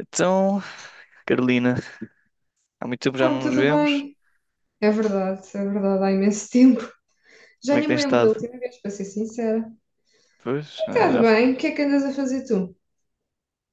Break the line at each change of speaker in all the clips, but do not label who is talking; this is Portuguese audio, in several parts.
Então, Carolina, há muito tempo já
Não,
não nos
tudo
vemos.
bem. É verdade, há imenso tempo.
Como
Já
é
nem
que
me
tens
lembro da
estado?
última vez, para ser sincera.
Pois,
E está bem, o que é que andas a fazer tu?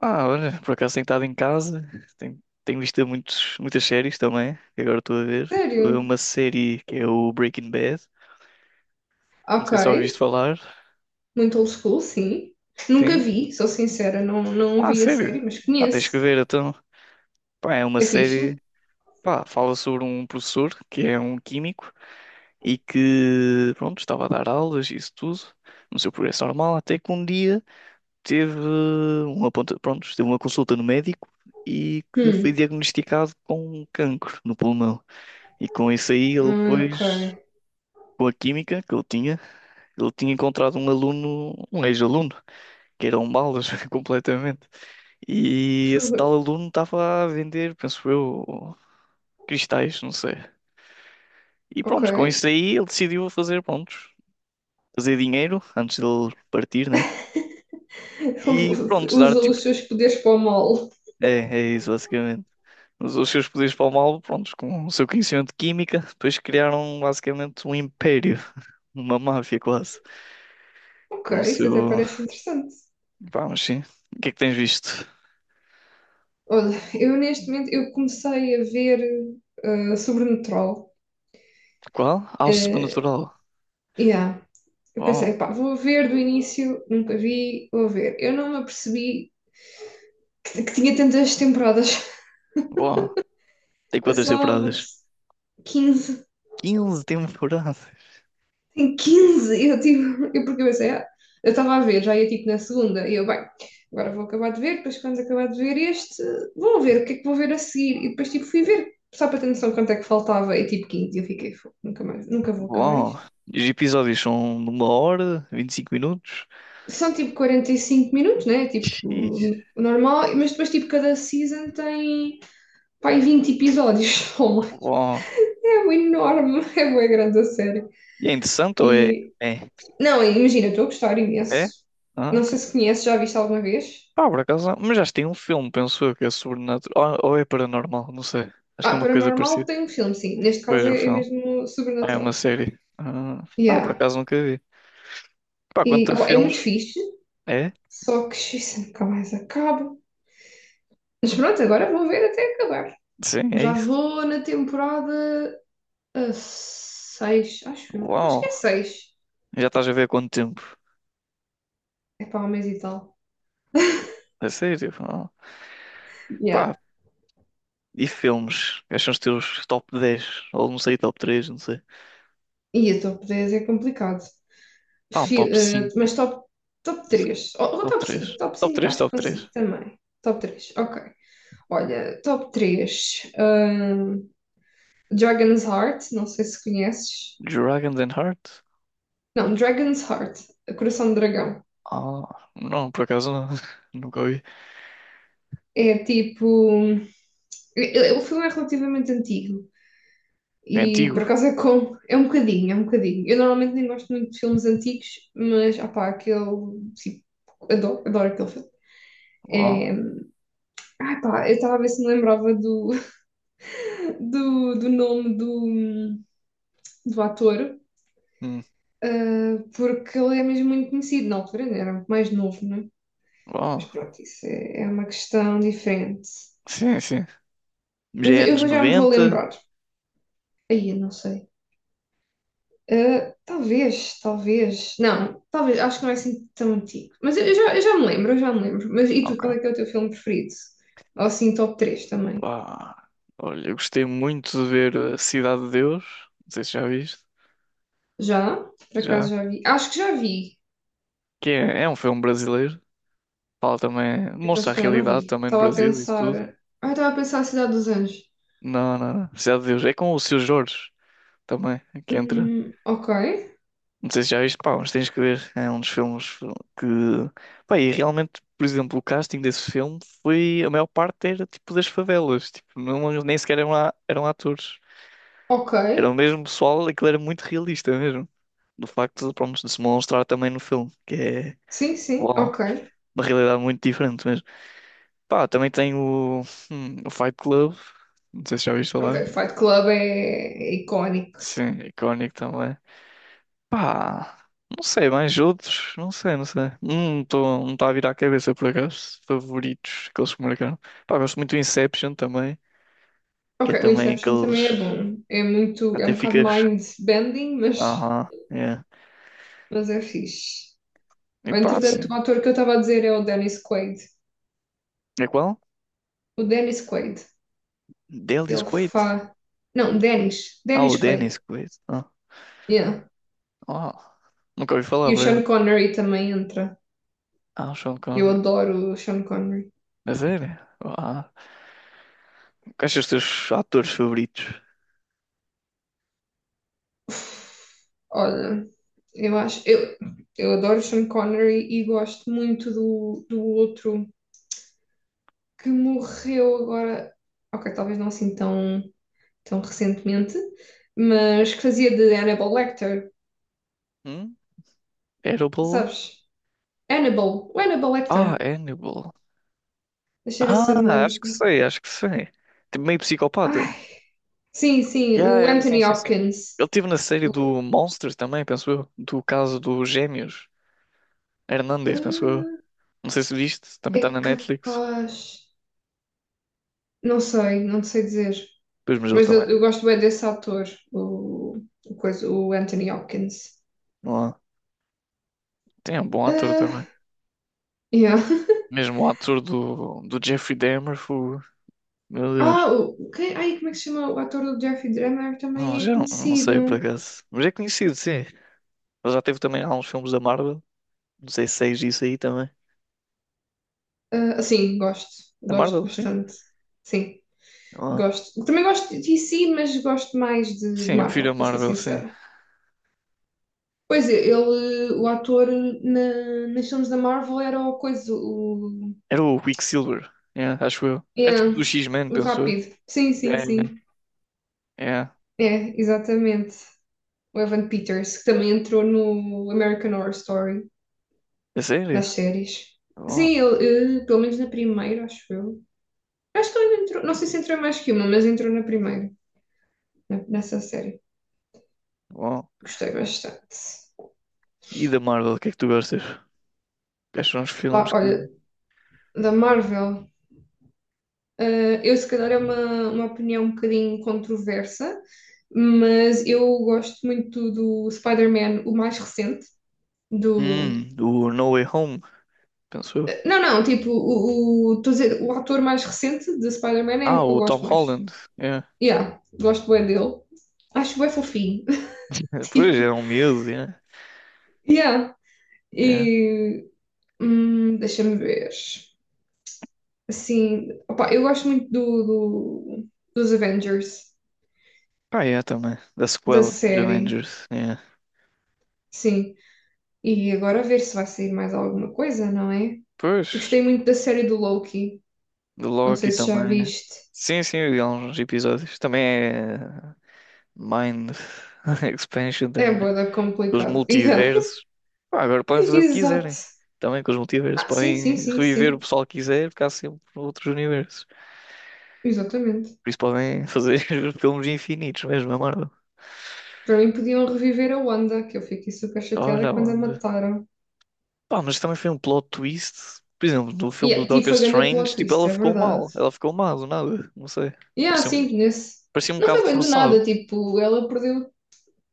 ah, olha, por acaso tenho estado em casa, tenho visto muitas séries também, que agora estou a ver. Estou a ver
Sério?
uma série que é o Breaking Bad, não
Ok,
sei se já ouviste falar.
muito old school, sim. Nunca
Sim?
vi, sou sincera, não
Ah,
vi a
sério?
série, mas
Ah, tens que
conheço.
ver então. Pá, é uma
É fixe?
série, pá, fala sobre um professor que é um químico e que, pronto, estava a dar aulas e isso tudo, no seu progresso normal, até que um dia teve pronto, teve uma consulta no médico e que foi
Hum,
diagnosticado com um cancro no pulmão. E com isso aí ele
ok.
depois, com a química que ele tinha encontrado um aluno, um ex-aluno, que era um balas completamente. E esse tal
Fu-
aluno estava a vender, penso eu, cristais, não sei. E
Ok.
pronto, com isso aí ele decidiu fazer, pronto, fazer dinheiro antes dele partir, né? E pronto, dar
Usou
tipo.
os seus poderes para o mal.
É, é isso, basicamente. Usou os seus poderes para o mal, prontos, com o seu conhecimento de química, depois criaram basicamente um império, uma máfia quase,
Ok,
com o
isso até
seu.
parece interessante.
Vamos, sim. O que é que tens visto?
Olha, eu neste momento eu comecei a ver Sobrenatural.
Qual? Ao Sobrenatural.
Uh, Eu pensei,
Bom,
pá, vou ver do início, nunca vi, vou ver. Eu não me apercebi que tinha tantas temporadas.
bom. Tem
Eu
quantas
só me
temporadas?
apercebi. 15.
15 temporadas.
Tem 15! Eu tipo, eu porque eu pensei, eu estava a ver, já ia tipo na segunda, e eu, bem, agora vou acabar de ver, depois quando acabar de ver este, vou ver o que é que vou ver a seguir. E depois tipo fui ver, só para ter noção quanto é que faltava, e tipo 15 e eu fiquei, "Fogo, nunca mais, nunca vou acabar
Bom.
isto."
E os episódios são de 1 hora, 25 minutos.
São tipo 45 minutos, né? Tipo,
Xiii.
normal, mas depois tipo cada season tem pai, 20 episódios.
Bom.
É um enorme, é uma grande a série.
E é interessante ou é?
E,
É?
não, imagina, estou a gostar
É?
imenso.
Ah,
Não sei se conheces, já viste alguma vez?
pá, por acaso, não. Mas já tem um filme, penso eu, que é sobrenatural. Ou é paranormal, não sei. Acho que é
Ah,
uma coisa
Paranormal
parecida.
tem um filme, sim. Neste caso
Veja o
é,
filme.
mesmo
Ah, é uma
sobrenatural.
série. Ah, pá, por
Yeah.
acaso nunca vi. Pá, quanto
E,
a
opá, é muito
filmes?
fixe,
É?
só que isso nunca mais acaba. Mas pronto, agora vou ver até acabar.
Sim, é
Já
isso.
vou na temporada 6, acho eu. Acho que é
Uau!
seis.
Já estás a ver há quanto tempo?
É para um mês e tal.
É sério? Uau.
Yeah.
Pá, e filmes? Quais são os teus top 10? Ou não sei, top três, não sei.
E a top 10 é complicado.
Pá, um
Fi-
top
eh,
cinco,
mas top, top
não sei.
três ou, ou
Top
top cinco,
três.
top
Top
5,
três.
acho que
Top três.
consigo também. Top 3 ok. Olha, top três, Dragon's Heart, não sei se conheces.
Dragons and Heart?
Não, Dragon's Heart, Coração de Dragão.
Ah, não, por acaso não. Nunca ouvi.
É tipo, o filme é relativamente antigo
É
e
antigo.
por acaso é com, é um bocadinho, é um bocadinho. Eu normalmente nem gosto muito de filmes antigos, mas, ah pá, aquele, tipo, adoro, adoro aquele filme.
Uau.
É, ah pá, eu estava a ver se me lembrava do, nome do ator,
Hum.
porque ele é mesmo muito conhecido. Na altura ainda era muito mais novo, não é? Mas
Oh,
pronto, isso é uma questão diferente.
sim, sim. Já
Mas
é
eu
anos
vou, já me vou
90.
lembrar. Aí, eu não sei. Ah, talvez, talvez. Não, talvez, acho que não é assim tão antigo. Mas eu já, eu já me lembro, eu já me lembro. Mas e tu, qual
Ok.
é que é o teu filme preferido? Ou assim, top 3 também.
Pá. Olha, eu gostei muito de ver a Cidade de Deus. Não sei se já viste.
Já? Por acaso
Já.
já vi? Acho que já vi.
Que é um filme brasileiro. Fala também.
Então,
Mostra
se
a
calhar não
realidade
vi.
também no
Estava a
Brasil, isso tudo.
pensar. Ah, estava a pensar a Cidade dos Anjos.
Não, não, não. Cidade de Deus. É com o Seu Jorge também, que entra.
Ok,
Não sei se já viste, pá, mas tens que ver. É um dos filmes que. Pá, e realmente, por exemplo, o casting desse filme foi. A maior parte era tipo das favelas. Tipo, não, nem sequer eram, eram atores.
ok.
Era o mesmo pessoal, aquilo era muito realista mesmo. Do facto de, pronto, de se mostrar também no filme, que é
Sim, sim,
uau,
ok.
uma realidade muito diferente mesmo. Pá, também tem o Fight Club, não sei se já ouviste falar.
Ok, Fight Club é, icónico.
Sim, icónico também. Pá, não sei, mais outros, não sei, não sei. Não tá a vir à cabeça por acaso, favoritos, aqueles que marcaram. Pá, gosto muito do Inception também, que
Ok,
é
o
também
Inception também é
aqueles.
bom. É muito, é
Até
um bocado
ficas.
mind-bending, mas,
Aham, é.
mas é fixe.
E pá,
Entretanto,
sim.
o ator que eu estava a dizer é o Dennis Quaid.
É qual?
O Dennis Quaid.
Dennis
Ele
Quaid.
faz. Não, Dennis.
Ah, o
Dennis Quaid.
Dennis Quaid. Ah,
Yeah.
uau. Nunca ouvi
E
falar,
o
por
Sean
acaso.
Connery também entra.
Ah, o Sean
Eu
Connery.
adoro o Sean Connery.
A sério? Ah, quais são os teus atores favoritos?
Olha, eu acho, eu adoro Sean Connery e gosto muito do, outro que morreu agora, ok, talvez não assim tão recentemente, mas que fazia de Hannibal Lecter,
Hum? Hannibal?
sabes? Hannibal, o Hannibal
Ah,
Lecter.
Hannibal.
Deixa eu ver se eu me
Ah, acho que
lembro.
sei, acho que sei. Tipo, meio psicopata.
Ai, sim, sim,
Yeah,
o
yeah, sim,
Anthony
sim, sim.
Hopkins.
Ele teve na série
O-
do Monsters também, penso eu. Do caso dos gêmeos. Hernandes, penso eu.
ah,
Não sei se viste, também
É
está na Netflix.
capaz. Não sei, não sei dizer.
Pois, mas ele
Mas
também.
eu gosto bem desse ator, o, o, coisa, o Anthony Hopkins.
Não há. Tem um bom ator
Ah,
também.
yeah.
Mesmo o ator do Jeffrey Dahmer, meu Deus.
Ah, o, quem, ai, como é que se chama? O ator do Jeffrey Dahmer
Não,
também
já
é
não, não sei por
conhecido.
acaso. Mas é conhecido, sim. Ele já teve também alguns filmes da Marvel. Não sei se é isso aí também.
Ah, sim, gosto.
Da
Gosto
Marvel, sim?
bastante. Sim,
Não há.
gosto. Também gosto de DC, mas gosto mais de
Sim, eu prefiro
Marvel,
a
para ser
Marvel, sim.
sincera. Pois é, ele, o ator na, nas filmes da Marvel era o coisa, o,
Era o Quicksilver, yeah, acho eu. Era tipo
yeah,
do X-Men,
o
penso eu.
rápido. Sim, sim,
Yeah, yeah.
sim.
Yeah.
É, exatamente. O Evan Peters, que também entrou no American Horror Story,
É sério?
nas séries.
Bom,
Sim, ele, pelo menos na primeira, acho eu. Acho que ele entrou, não sei se entrou em mais que uma, mas entrou na primeira, nessa série.
bom.
Gostei bastante.
E da Marvel, o que é que tu gostas? Quais são os
Opa,
filmes que.
olha, da Marvel, eu se calhar é uma, opinião um bocadinho controversa, mas eu gosto muito do Spider-Man, o mais recente, do...
Do No Way Home, penso eu.
Não, não, tipo, estou a dizer, o ator mais recente de Spider-Man é
Ah,
o que eu
o Tom
gosto mais.
Holland. Yeah.
Yeah, gosto bem dele. Acho bem fofinho.
Pois,
Tipo,
era um miúdo, yeah.
yeah.
Yeah.
E deixa-me ver. Assim, opa, eu gosto muito dos Avengers,
Pá, yeah, também. Da
da
sequela dos
série,
Avengers. Yeah.
sim. E agora a ver se vai sair mais alguma coisa, não é?
Pois,
Gostei muito da série do Loki.
do
Não sei
Loki
se já
também.
viste.
Sim, sim, eu vi alguns episódios. Também é Mind Expansion
É
também.
bué da
Com os
complicado. Yeah.
multiversos. Pá, agora podem fazer o que
Exato.
quiserem. Também com os multiversos.
Ah, sim, sim,
Podem
sim,
reviver o
sim.
pessoal que quiser, ficar sempre noutros universos.
Exatamente.
Por isso podem fazer filmes infinitos mesmo, é Marvel.
Para mim podiam reviver a Wanda, que eu fiquei super chateada
Olha
quando a
onde.
mataram.
Pá, mas também foi um plot twist. Por exemplo, no filme do
Yeah, tipo,
Doctor
foi grande plot
Strange, tipo,
twist,
ela
é
ficou
verdade.
mal. Ela ficou mal do nada. Não sei.
Yeah,
Parecia um,
sim, nesse
parecia um
Não
bocado
foi bem do
forçado.
nada, tipo, ela perdeu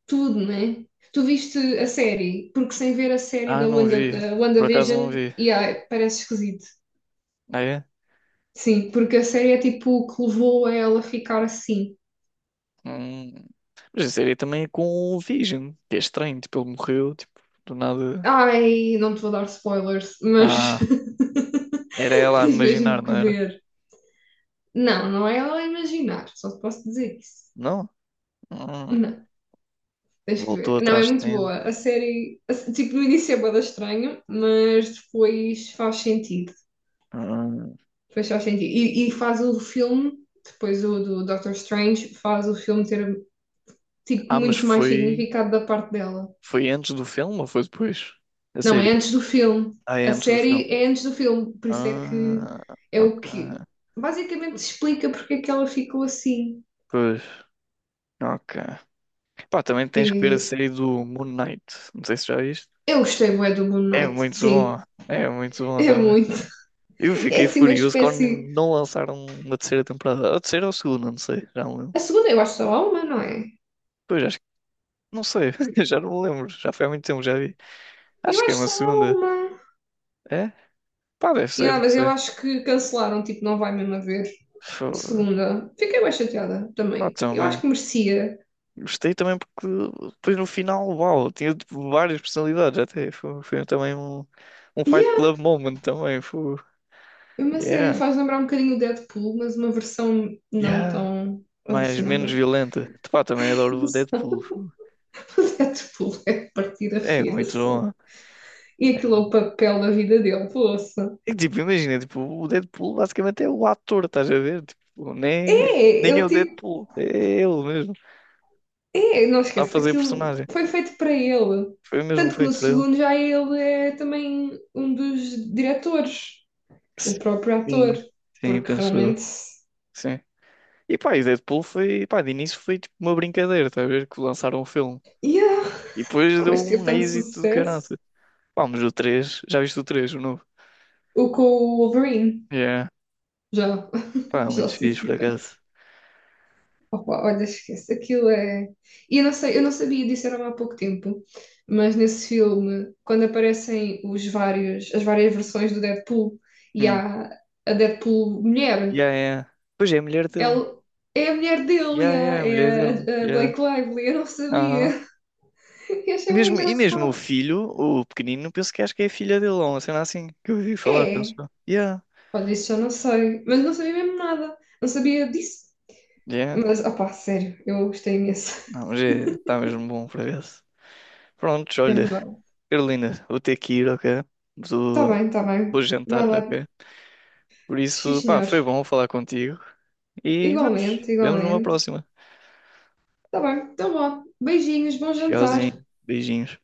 tudo, né? Tu viste a série, porque sem ver a série
Ah,
da,
não
Wanda,
vi.
da
Por acaso não
WandaVision,
vi.
yeah, parece esquisito.
Ah, é?
Sim, porque a série é tipo o que levou a ela ficar assim.
Hum. Mas a série também é com o Vision, que é estranho. Tipo, ele morreu, tipo, do nada.
Ai, não te vou dar spoilers, mas
Ah. Era ela a
tens
imaginar,
mesmo que
não era?
ver. Não, não é ela a imaginar, só te posso dizer isso.
Não? Hum,
Não. Tens que
Voltou
ver. Não, é
atrás de
muito
tempo.
boa. A série, a se- tipo, no início é bué da estranho, mas depois faz sentido.
Hum.
Depois faz sentido. E faz o filme, depois o do Doctor Strange, faz o filme ter, tipo,
Ah, mas
muito mais
foi,
significado da parte dela.
foi antes do filme ou foi depois? A
Não, é
série?
antes do filme.
Ah, é
A
antes do
série
filme.
é antes do filme, por isso é que
Ah,
é o que
ok.
basicamente explica porque é que ela ficou assim.
Pois, ok. Pá, também tens que ver a
E
série do Moon Knight. Não sei se já viste.
eu gostei bué do Moon
É
Knight,
muito
sim,
bom. É muito bom
é
também.
muito.
Eu
É
fiquei
assim uma
furioso quando
espécie.
não lançaram uma terceira temporada. A terceira ou a segunda, não sei. Já não lembro.
A segunda eu acho que só há uma, não é?
Pois, acho que. Não sei. Já não me lembro. Já foi há muito tempo, já vi.
Eu
Acho que é
acho
uma
só há
segunda.
uma.
É? Pá, deve ser,
Yeah,
não
mas eu
sei.
acho que cancelaram, tipo, não vai mesmo haver
Fo-
segunda. Fiquei bem chateada
Pá,
também. Eu acho
também.
que merecia.
Gostei também porque depois no final, uau, tinha tipo, várias personalidades até. Foi também um Fight
Yeah,
Club moment também. Foi,
é uma série
yeah,
faz lembrar um bocadinho o Deadpool, mas uma versão não
yeah.
tão
Mas menos
alucinada.
violenta. Pá, também adoro o Deadpool.
O Deadpool é de partir a
É
rir,
muito
assim.
bom.
E aquilo é o papel da vida dele, poça.
E tipo, imagina, tipo, o Deadpool basicamente é o ator, estás a ver? Tipo, nem,
É,
nem é
ele
o
tipo.
Deadpool, é ele mesmo.
É, não
Está a
esquece,
fazer
aquilo
personagem.
foi feito para ele.
Foi mesmo
Tanto que no
feito para ele.
segundo já ele é também um dos diretores. O próprio
Sim.
ator,
Sim,
porque
penso eu.
realmente.
Sim. E pá, e Deadpool foi, pá, de início foi tipo uma brincadeira, estás a ver? Que lançaram o filme.
Yeah,
E depois
mas
deu
teve
um
tanto
êxito do caralho.
sucesso.
Pá, mas o três, já viste o três, o novo?
O com o Wolverine,
Yeah,
já.
pá, muito
Já, sim,
fixe por
senhora.
acaso.
Opa, olha, esquece, aquilo é. E eu não sei, eu não sabia disso, era há pouco tempo, mas nesse filme, quando aparecem os vários, as várias versões do Deadpool e
Hum.
há a Deadpool mulher,
Yeah, yeah. Pois é, a mulher dele.
ela é a mulher dele,
Yeah, yeah, a mulher dele.
é a,
Yeah.
Blake Lively, eu não
Aham.
sabia. E achei bem
E mesmo o
engraçado.
filho, o pequenino, penso que acho que é a filha dele, ou uma cena assim, que eu ouvi falar, penso
É,
eu. Yeah,
olha, isso eu não sei, mas não sabia mesmo nada, não sabia disso.
yeah.
Mas, opá, sério, eu gostei imenso,
Não, mas é, está mesmo bom por acaso. Prontos,
é
olha,
verdade.
Carolina, vou ter que ir, ok? Vou,
Tá bem,
vou
vai
jantar,
lá,
ok? Por
sim
isso, pá,
senhor.
foi bom falar contigo. E
Igualmente,
vemos numa
igualmente.
próxima.
Tá bem, então vá, beijinhos, bom jantar.
Tchauzinho, beijinhos.